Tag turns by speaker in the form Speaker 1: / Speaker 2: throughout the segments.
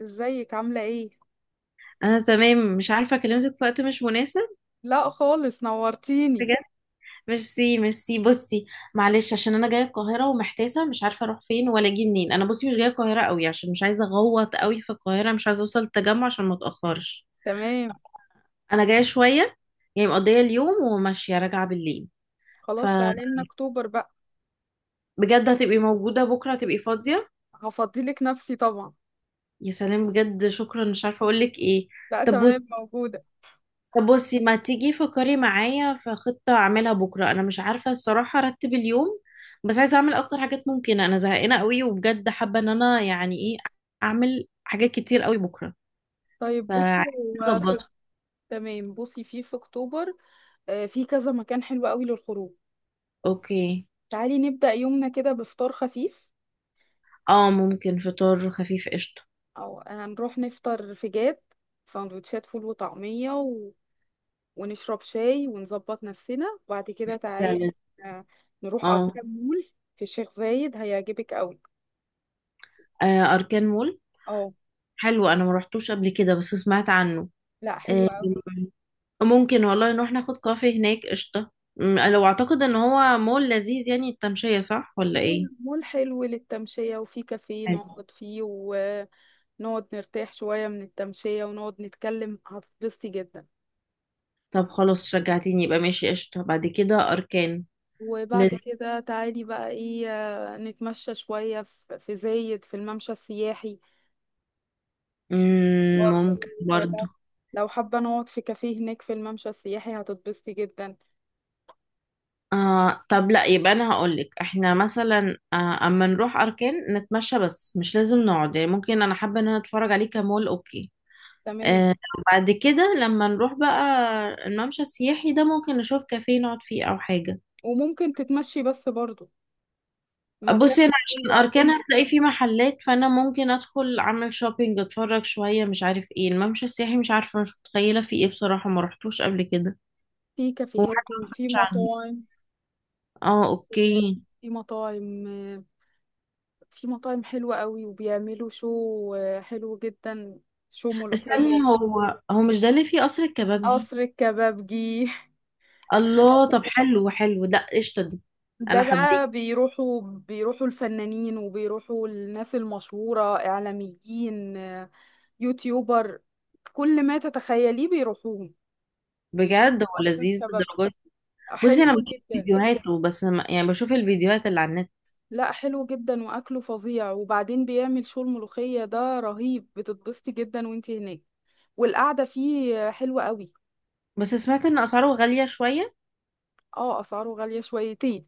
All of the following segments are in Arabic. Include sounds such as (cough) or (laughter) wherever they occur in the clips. Speaker 1: ازيك عاملة ايه؟
Speaker 2: انا تمام، مش عارفه كلمتك في وقت مش مناسب؟
Speaker 1: لا خالص نورتيني.
Speaker 2: بجد؟ ميرسي ميرسي. بصي، معلش عشان انا جايه القاهره ومحتاسه، مش عارفه اروح فين ولا اجي منين. انا بصي مش جايه القاهره قوي عشان مش عايزه اغوط قوي في القاهره، مش عايزه اوصل التجمع عشان ما اتاخرش.
Speaker 1: تمام.
Speaker 2: انا جايه شويه، يعني مقضيه اليوم وماشيه راجعه بالليل.
Speaker 1: خلاص
Speaker 2: فبجد،
Speaker 1: تعالي لنا اكتوبر بقى.
Speaker 2: هتبقي موجوده بكره؟ هتبقي فاضيه؟
Speaker 1: هفضيلك نفسي طبعا.
Speaker 2: يا سلام، بجد شكرا، مش عارفه اقول لك ايه.
Speaker 1: لا
Speaker 2: طب بصي،
Speaker 1: تمام موجودة.
Speaker 2: ما تيجي فكري معايا في خطة أعملها بكرة. أنا مش عارفة الصراحة أرتب اليوم، بس عايزة أعمل أكتر حاجات ممكنة. أنا زهقانة قوي وبجد حابة إن أنا يعني إيه، أعمل حاجات كتير قوي بكرة.
Speaker 1: طيب
Speaker 2: فعايزة
Speaker 1: بصي هو في.
Speaker 2: أظبطه.
Speaker 1: تمام. بصي في اكتوبر. في كذا مكان حلو قوي للخروج.
Speaker 2: أوكي.
Speaker 1: تعالي نبدأ يومنا كده بفطار خفيف.
Speaker 2: أه، ممكن فطار خفيف، قشطة.
Speaker 1: او هنروح نفطر في جاد، سندوتشات فول وطعمية ونشرب شاي ونظبط نفسنا. وبعد كده تعالي،
Speaker 2: فعلا.
Speaker 1: آه، نروح
Speaker 2: أه.
Speaker 1: أركان مول في الشيخ زايد، هيعجبك قوي.
Speaker 2: آه، أركان مول.
Speaker 1: اه.
Speaker 2: حلو، أنا ما روحتوش قبل كده بس سمعت عنه.
Speaker 1: لا حلو
Speaker 2: آه،
Speaker 1: قوي.
Speaker 2: ممكن والله نروح ناخد كافي هناك، قشطة. لو أعتقد إن هو مول لذيذ يعني، التمشية صح ولا
Speaker 1: مول
Speaker 2: إيه؟
Speaker 1: مول حلو للتمشية، وفي كافيه نقعد فيه ونقعد نرتاح شوية من التمشية ونقعد نتكلم، هتتبسطي جدا.
Speaker 2: طب خلاص رجعتيني، يبقى ماشي، قشطة، بعد كده أركان.
Speaker 1: وبعد
Speaker 2: لازم.
Speaker 1: كده تعالي بقى ايه، نتمشى شوية في زايد في الممشى السياحي.
Speaker 2: ممكن
Speaker 1: برضه
Speaker 2: برضو.
Speaker 1: لو حابة نقعد في كافيه هناك في الممشى السياحي، هتتبسطي جدا.
Speaker 2: آه طب لا، يبقى أنا هقولك احنا مثلا أما نروح أركان نتمشى بس مش لازم نقعد، يعني ممكن، أنا حابة إن أنا أتفرج عليه كمول. أوكي.
Speaker 1: تمام.
Speaker 2: آه. بعد كده لما نروح بقى الممشى السياحي ده، ممكن نشوف كافيه نقعد فيه أو حاجة.
Speaker 1: وممكن تتمشي بس برضه. مكان
Speaker 2: بصي أنا عشان
Speaker 1: حلو أوي.
Speaker 2: أركان هتلاقي فيه محلات، فأنا ممكن أدخل أعمل شوبينج أتفرج شوية، مش عارف إيه الممشى السياحي، مش عارفة مش متخيلة فيه إيه بصراحة، ما رحتوش قبل كده
Speaker 1: فيه
Speaker 2: وحاجة
Speaker 1: كافيهات
Speaker 2: ما
Speaker 1: وفي
Speaker 2: سمعتش عنه.
Speaker 1: مطاعم.
Speaker 2: اه، اوكي.
Speaker 1: في مطاعم. في مطاعم حلوة قوي وبيعملوا شو، حلو جدا. شو
Speaker 2: استني،
Speaker 1: ملوخية.
Speaker 2: هو مش ده اللي فيه قصر الكبابجي؟
Speaker 1: قصر الكبابجي
Speaker 2: الله، طب حلو حلو، لا قشطة دي.
Speaker 1: ده
Speaker 2: انا حبيت.
Speaker 1: بقى بيروحوا الفنانين وبيروحوا الناس المشهورة إعلاميين، يوتيوبر، كل ما تتخيليه بيروحوه. بيروحوا
Speaker 2: بجد هو
Speaker 1: قصر
Speaker 2: لذيذ
Speaker 1: الكبابجي،
Speaker 2: للدرجة دي. بصي
Speaker 1: حلو
Speaker 2: انا بشوف
Speaker 1: جدا.
Speaker 2: فيديوهاته بس يعني بشوف الفيديوهات اللي على النت.
Speaker 1: لا حلو جدا وأكله فظيع، وبعدين بيعمل شو الملوخية ده رهيب، بتتبسطي جدا وانتي هناك. والقعدة فيه حلوة قوي.
Speaker 2: بس سمعت ان اسعاره غالية شوية.
Speaker 1: اه أسعاره غالية شويتين.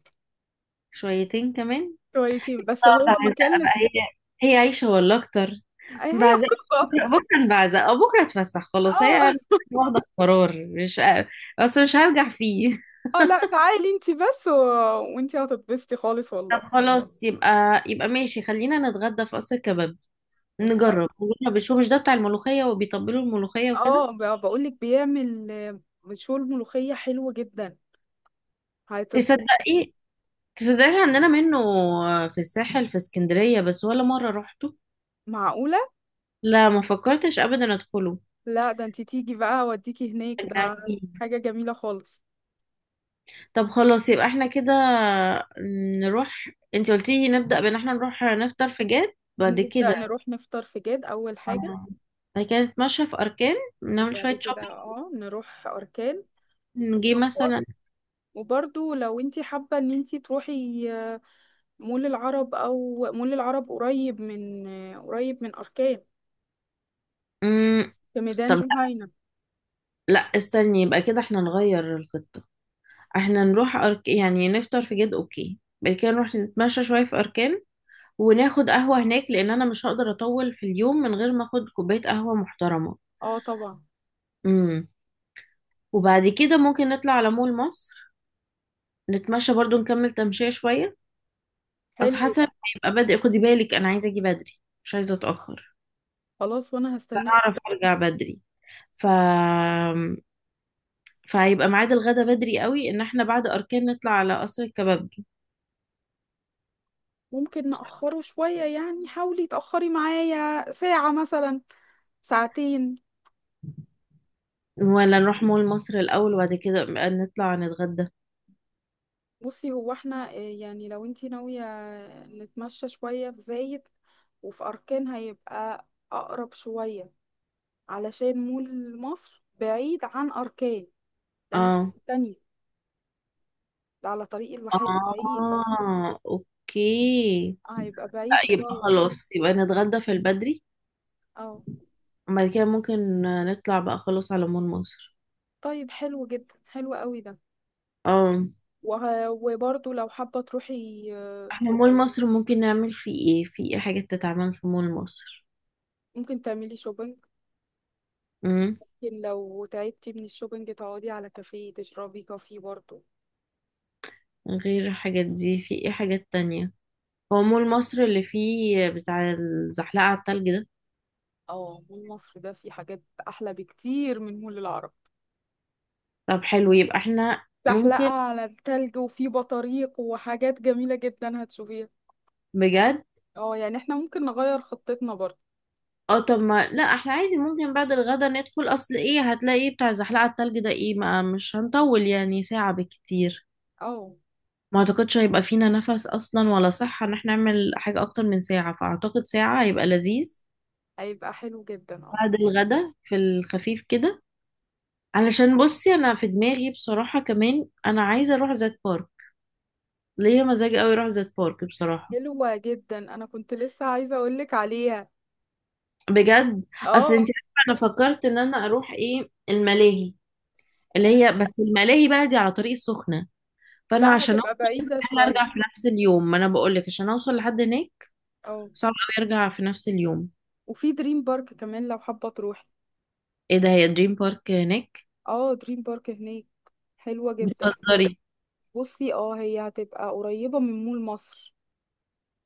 Speaker 2: شويتين كمان.
Speaker 1: شويتين بس
Speaker 2: طب
Speaker 1: هو مكان
Speaker 2: بعزقة بقى
Speaker 1: لذيذ.
Speaker 2: هي، هي عايشة ولا اكتر؟
Speaker 1: أي هي
Speaker 2: بعزقة.
Speaker 1: خروجه.
Speaker 2: بكرة، بكرة بعزقة، بكرة اتفسح خلاص، هي
Speaker 1: اه.
Speaker 2: واخدة قرار، مش بس مش هرجع فيه.
Speaker 1: اه لا تعالي انتي بس وانتي هتتبسطي خالص
Speaker 2: طب
Speaker 1: والله.
Speaker 2: خلاص، يبقى ماشي، خلينا نتغدى في قصر كباب.
Speaker 1: نتحق.
Speaker 2: نجرب نجرب شو، مش ده بتاع الملوخية وبيطبلوا الملوخية وكده؟
Speaker 1: اه بقولك بيعمل، مشوي الملوخية حلو جدا. هتت...
Speaker 2: تصدقي تصدقي عندنا منه، في الساحل في اسكندرية، بس ولا مرة روحته.
Speaker 1: معقولة؟
Speaker 2: لا، ما فكرتش ابدا ادخله.
Speaker 1: لا ده انتي تيجي بقى اوديكي هناك، ده
Speaker 2: رجعتيني.
Speaker 1: حاجة جميلة خالص.
Speaker 2: طب خلاص، يبقى احنا كده نروح، انت قلتي نبدأ بان احنا نروح نفطر في جاد، بعد
Speaker 1: نبدأ
Speaker 2: كده.
Speaker 1: نروح نفطر في جاد أول حاجة.
Speaker 2: آه، بعد كده نتمشى في اركان، نعمل
Speaker 1: وبعد
Speaker 2: شوية
Speaker 1: كده
Speaker 2: شوبينج،
Speaker 1: اه نروح أركان.
Speaker 2: نجي مثلا.
Speaker 1: وبرضو لو انتي حابة ان انتي تروحي مول العرب، او مول العرب قريب من اركان،
Speaker 2: مم،
Speaker 1: في ميدان
Speaker 2: طب
Speaker 1: جهينة.
Speaker 2: لا استني، يبقى كده احنا نغير الخطة. احنا نروح يعني نفطر في جد، اوكي. بعد كده نروح نتمشى شوية في أركان، وناخد قهوة هناك، لأن أنا مش هقدر أطول في اليوم من غير ما أخد كوباية قهوة محترمة.
Speaker 1: اه طبعا.
Speaker 2: امم. وبعد كده ممكن نطلع على مول مصر، نتمشى برضو نكمل تمشية شوية. أصل
Speaker 1: حلو
Speaker 2: حسب
Speaker 1: ده.
Speaker 2: هيبقى بدري. خدي بالك، أنا عايزة أجي بدري، مش عايزة أتأخر.
Speaker 1: خلاص وانا هستناك.
Speaker 2: أعرف أرجع بدري. ف فهيبقى ميعاد الغدا بدري قوي إن احنا بعد أركان نطلع على قصر الكبابجي،
Speaker 1: ممكن نأخره شوية، يعني حاولي تأخري معايا ساعة مثلا، ساعتين.
Speaker 2: ولا نروح مول مصر الأول وبعد كده بقى نطلع نتغدى.
Speaker 1: بصي هو احنا، يعني لو انتي ناوية نتمشى شوية في زايد وفي أركان، هيبقى أقرب شوية، علشان مول مصر بعيد عن أركان، ده الناحية
Speaker 2: اه.
Speaker 1: التانية، ده على طريق الواحات بعيد.
Speaker 2: اه اوكي.
Speaker 1: هيبقى
Speaker 2: لا،
Speaker 1: بعيد
Speaker 2: يبقى
Speaker 1: خالص.
Speaker 2: خلاص، يبقى نتغدى في البدري،
Speaker 1: اه.
Speaker 2: وبعد كده ممكن نطلع بقى خلاص على مول مصر.
Speaker 1: طيب حلو جدا، حلو قوي ده.
Speaker 2: اه.
Speaker 1: وبرضه لو حابة تروحي،
Speaker 2: احنا مول مصر ممكن نعمل فيه ايه، في ايه حاجات تتعمل في مول مصر؟
Speaker 1: ممكن تعملي شوبينج.
Speaker 2: امم.
Speaker 1: ممكن لو تعبتي من الشوبينج تقعدي على كافيه تشربي كافي برضه.
Speaker 2: غير الحاجات دي، في ايه حاجات تانية؟ هو مول مصر اللي فيه بتاع الزحلقة على التلج ده؟
Speaker 1: اه مول مصر ده فيه حاجات أحلى بكتير من مول العرب.
Speaker 2: طب حلو، يبقى احنا ممكن.
Speaker 1: زحلقة على التلج، وفيه بطاريق وحاجات جميلة جدا هتشوفيها.
Speaker 2: بجد؟
Speaker 1: اه يعني احنا ممكن نغير خطتنا برضه.
Speaker 2: اه طب ما، لا احنا عادي، ممكن بعد الغدا ندخل، اصل ايه هتلاقي بتاع زحلقة التلج ده ايه، ما مش هنطول يعني، ساعة بالكتير.
Speaker 1: اه
Speaker 2: ما اعتقدش هيبقى فينا نفس اصلا ولا صحة ان احنا نعمل حاجة اكتر من ساعة، فاعتقد ساعة هيبقى لذيذ،
Speaker 1: هيبقى حلو جدا. اه
Speaker 2: بعد الغدا، في الخفيف كده. علشان بصي، انا في دماغي بصراحة كمان انا عايزة اروح زيت بارك. ليا مزاج قوي اروح زيت بارك بصراحة.
Speaker 1: حلوة جدا، انا كنت لسه عايزة اقولك عليها.
Speaker 2: بجد. اصل
Speaker 1: اه.
Speaker 2: انت عارفة، انا فكرت ان انا اروح ايه الملاهي، اللي هي بس الملاهي بقى دي على طريق السخنة. فانا
Speaker 1: لا
Speaker 2: عشان
Speaker 1: هتبقى
Speaker 2: اوصل
Speaker 1: بعيدة
Speaker 2: استحاله
Speaker 1: شوية.
Speaker 2: ارجع في نفس اليوم، ما انا بقول لك عشان اوصل لحد هناك
Speaker 1: اه
Speaker 2: صعب قوي ارجع في نفس اليوم.
Speaker 1: وفي دريم بارك كمان لو حابة تروحي.
Speaker 2: ايه ده، هي دريم بارك هناك؟
Speaker 1: اه دريم بارك هناك، حلوة جدا.
Speaker 2: بتهزري؟
Speaker 1: بصي اه هي هتبقى قريبة من مول مصر.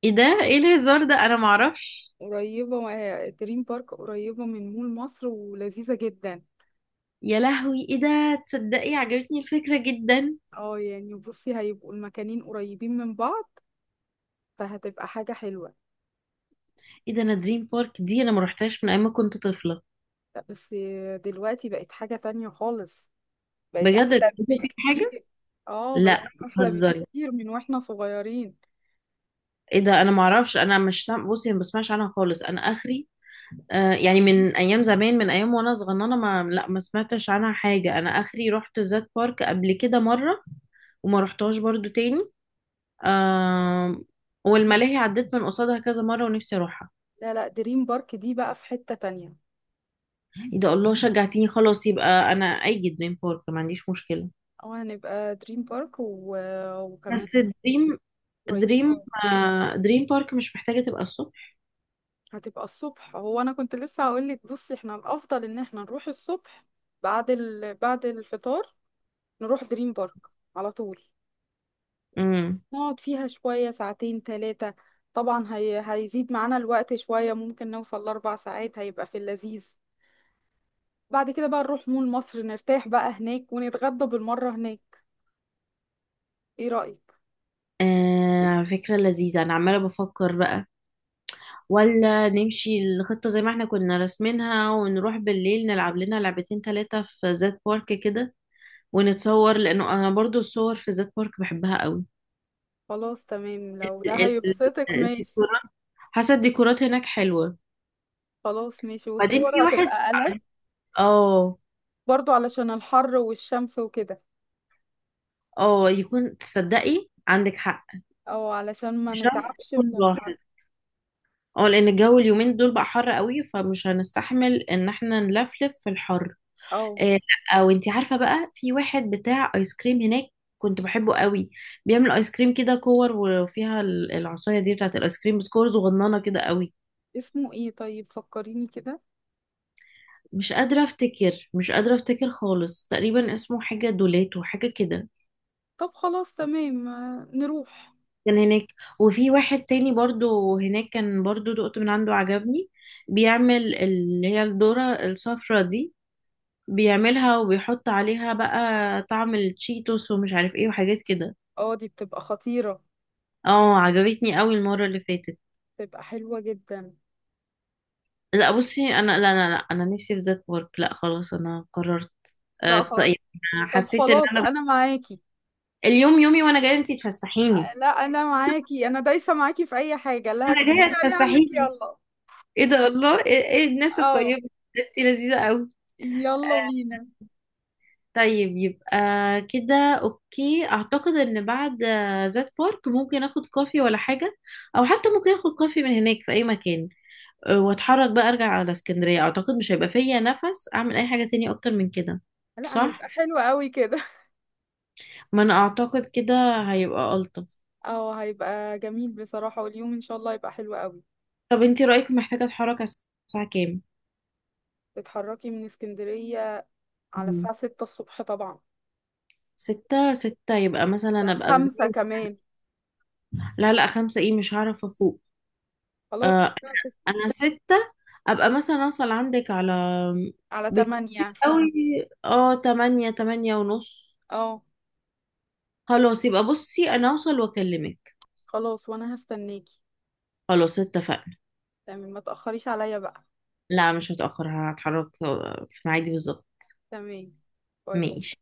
Speaker 2: ايه ده، ايه الهزار ده، انا معرفش.
Speaker 1: قريبة، دريم بارك قريبة من مول مصر ولذيذة جدا.
Speaker 2: يا لهوي، ايه ده. تصدقي عجبتني الفكره جدا.
Speaker 1: اه يعني بصي هيبقوا المكانين قريبين من بعض، فهتبقى حاجة حلوة.
Speaker 2: ايه ده، انا دريم بارك دي انا ما رحتهاش من ايام ما كنت طفله.
Speaker 1: لا، بس دلوقتي بقت حاجة تانية خالص، بقت
Speaker 2: بجد، إيه
Speaker 1: أحلى
Speaker 2: ده. في حاجه.
Speaker 1: بكتير. اه بقت
Speaker 2: لا
Speaker 1: أحلى
Speaker 2: بتهزري.
Speaker 1: بكتير من واحنا صغيرين.
Speaker 2: ايه ده، انا معرفش، انا مش سام... بصي، أنا ما بسمعش عنها خالص، انا اخري. آه، يعني من ايام زمان، من ايام وانا صغننه، ما لا، ما سمعتش عنها حاجه، انا اخري رحت زاد بارك قبل كده مره، وما رحتهاش برضو تاني. آم، والملاهي عديت من قصادها كذا مره ونفسي اروحها.
Speaker 1: لا لا، دريم بارك دي بقى في حتة تانية.
Speaker 2: ايه ده، الله شجعتيني، خلاص يبقى انا، اي دريم بارك ما عنديش مشكله.
Speaker 1: او هنبقى دريم بارك
Speaker 2: بس
Speaker 1: وكمان
Speaker 2: دريم
Speaker 1: قريبة.
Speaker 2: دريم آه، دريم بارك مش محتاجه تبقى الصبح.
Speaker 1: هتبقى الصبح، هو انا كنت لسه هقول لك بصي احنا الافضل ان احنا نروح الصبح. بعد الفطار نروح دريم بارك على طول.
Speaker 2: امم.
Speaker 1: نقعد فيها شوية ساعتين 3، طبعا هيزيد معانا الوقت شوية ممكن نوصل لأربع ساعات، هيبقى في اللذيذ. بعد كده بقى نروح مول مصر نرتاح بقى هناك ونتغدى بالمرة هناك. ايه رأيك؟
Speaker 2: آه، فكره لذيذه، انا عماله بفكر بقى، ولا نمشي الخطة زي ما احنا كنا راسمينها ونروح بالليل نلعب لنا لعبتين 3 في زاد بارك كده، ونتصور، لأنه أنا برضو الصور في زاد بارك بحبها قوي.
Speaker 1: خلاص تمام لو ده
Speaker 2: ال- ال-
Speaker 1: هيبسطك ماشي.
Speaker 2: الديكورات، حاسة الديكورات هناك حلوة.
Speaker 1: خلاص ماشي
Speaker 2: بعدين في
Speaker 1: والصور
Speaker 2: واحد.
Speaker 1: هتبقى
Speaker 2: اه.
Speaker 1: برضو علشان الحر والشمس وكده.
Speaker 2: اه يكون، تصدقي عندك حق،
Speaker 1: او علشان ما
Speaker 2: شمس
Speaker 1: نتعبش
Speaker 2: يكون
Speaker 1: من الحر.
Speaker 2: راحت. اه، لأن الجو اليومين دول بقى حر قوي، فمش هنستحمل إن احنا نلفلف في الحر.
Speaker 1: او
Speaker 2: آه، لا وانتي عارفه بقى، في واحد بتاع ايس كريم هناك كنت بحبه قوي، بيعمل ايس كريم كده كور، وفيها العصايه دي بتاعت الايس كريم، بس كور صغننه كده قوي.
Speaker 1: اسمه ايه طيب فكريني كده.
Speaker 2: مش قادره افتكر خالص، تقريبا اسمه حاجه دولاتو، حاجه كده،
Speaker 1: طب خلاص تمام، نروح.
Speaker 2: كان هناك. وفي واحد تاني برضو هناك كان برضو دقت من عنده، عجبني، بيعمل اللي هي الذره الصفرا دي، بيعملها وبيحط عليها بقى طعم التشيتوس ومش عارف ايه وحاجات كده.
Speaker 1: اه دي بتبقى خطيرة.
Speaker 2: اه عجبتني قوي المرة اللي فاتت.
Speaker 1: بتبقى حلوة جدا.
Speaker 2: لا بصي انا، لا لا لا، انا نفسي في ذات ورك. لا خلاص انا قررت. آه،
Speaker 1: لا خلاص. طب
Speaker 2: حسيت ان
Speaker 1: خلاص
Speaker 2: انا
Speaker 1: انا معاكي،
Speaker 2: اليوم يومي، وانا جايه انتي تفسحيني.
Speaker 1: لا انا معاكي، انا دايسة معاكي في اي حاجة، اللي
Speaker 2: انا
Speaker 1: هتقولي
Speaker 2: جايه
Speaker 1: عليها اقول لك
Speaker 2: تفسحيني.
Speaker 1: يلا.
Speaker 2: ايه ده، الله، إيه الناس
Speaker 1: اه
Speaker 2: الطيبه دي؟ انتي لذيذه قوي.
Speaker 1: يلا بينا.
Speaker 2: طيب يبقى كده، اوكي، اعتقد ان بعد ذات بارك ممكن اخد كوفي ولا حاجه، او حتى ممكن اخد كوفي من هناك في اي مكان، واتحرك بقى ارجع على اسكندريه، اعتقد مش هيبقى فيا نفس اعمل اي حاجه تاني اكتر من كده.
Speaker 1: لا
Speaker 2: صح.
Speaker 1: هيبقى حلو قوي كده.
Speaker 2: ما انا اعتقد كده هيبقى الطف.
Speaker 1: (laughs) اه هيبقى جميل بصراحة، واليوم ان شاء الله هيبقى حلو قوي.
Speaker 2: طب انتي رايك، محتاجه اتحرك على الساعه كام؟
Speaker 1: تتحركي من اسكندرية على
Speaker 2: مم.
Speaker 1: الساعة 6 الصبح طبعا.
Speaker 2: 6، 6 يبقى مثلا
Speaker 1: الساعة
Speaker 2: ابقى في
Speaker 1: 5
Speaker 2: زي.
Speaker 1: كمان.
Speaker 2: لا لا، 5 ايه، مش هعرف افوق.
Speaker 1: خلاص
Speaker 2: آه.
Speaker 1: الساعة 6.
Speaker 2: انا 6، ابقى مثلا اوصل عندك على.
Speaker 1: على
Speaker 2: بكتير
Speaker 1: 8.
Speaker 2: قوي. اه، 8، 8:30.
Speaker 1: اه
Speaker 2: خلاص، يبقى بصي انا اوصل واكلمك.
Speaker 1: خلاص وانا هستناكي.
Speaker 2: خلاص اتفقنا.
Speaker 1: تمام ما تأخريش عليا بقى.
Speaker 2: لا، مش هتأخر، هتحرك في ميعادي بالظبط.
Speaker 1: تمام، باي
Speaker 2: ماشي.
Speaker 1: باي.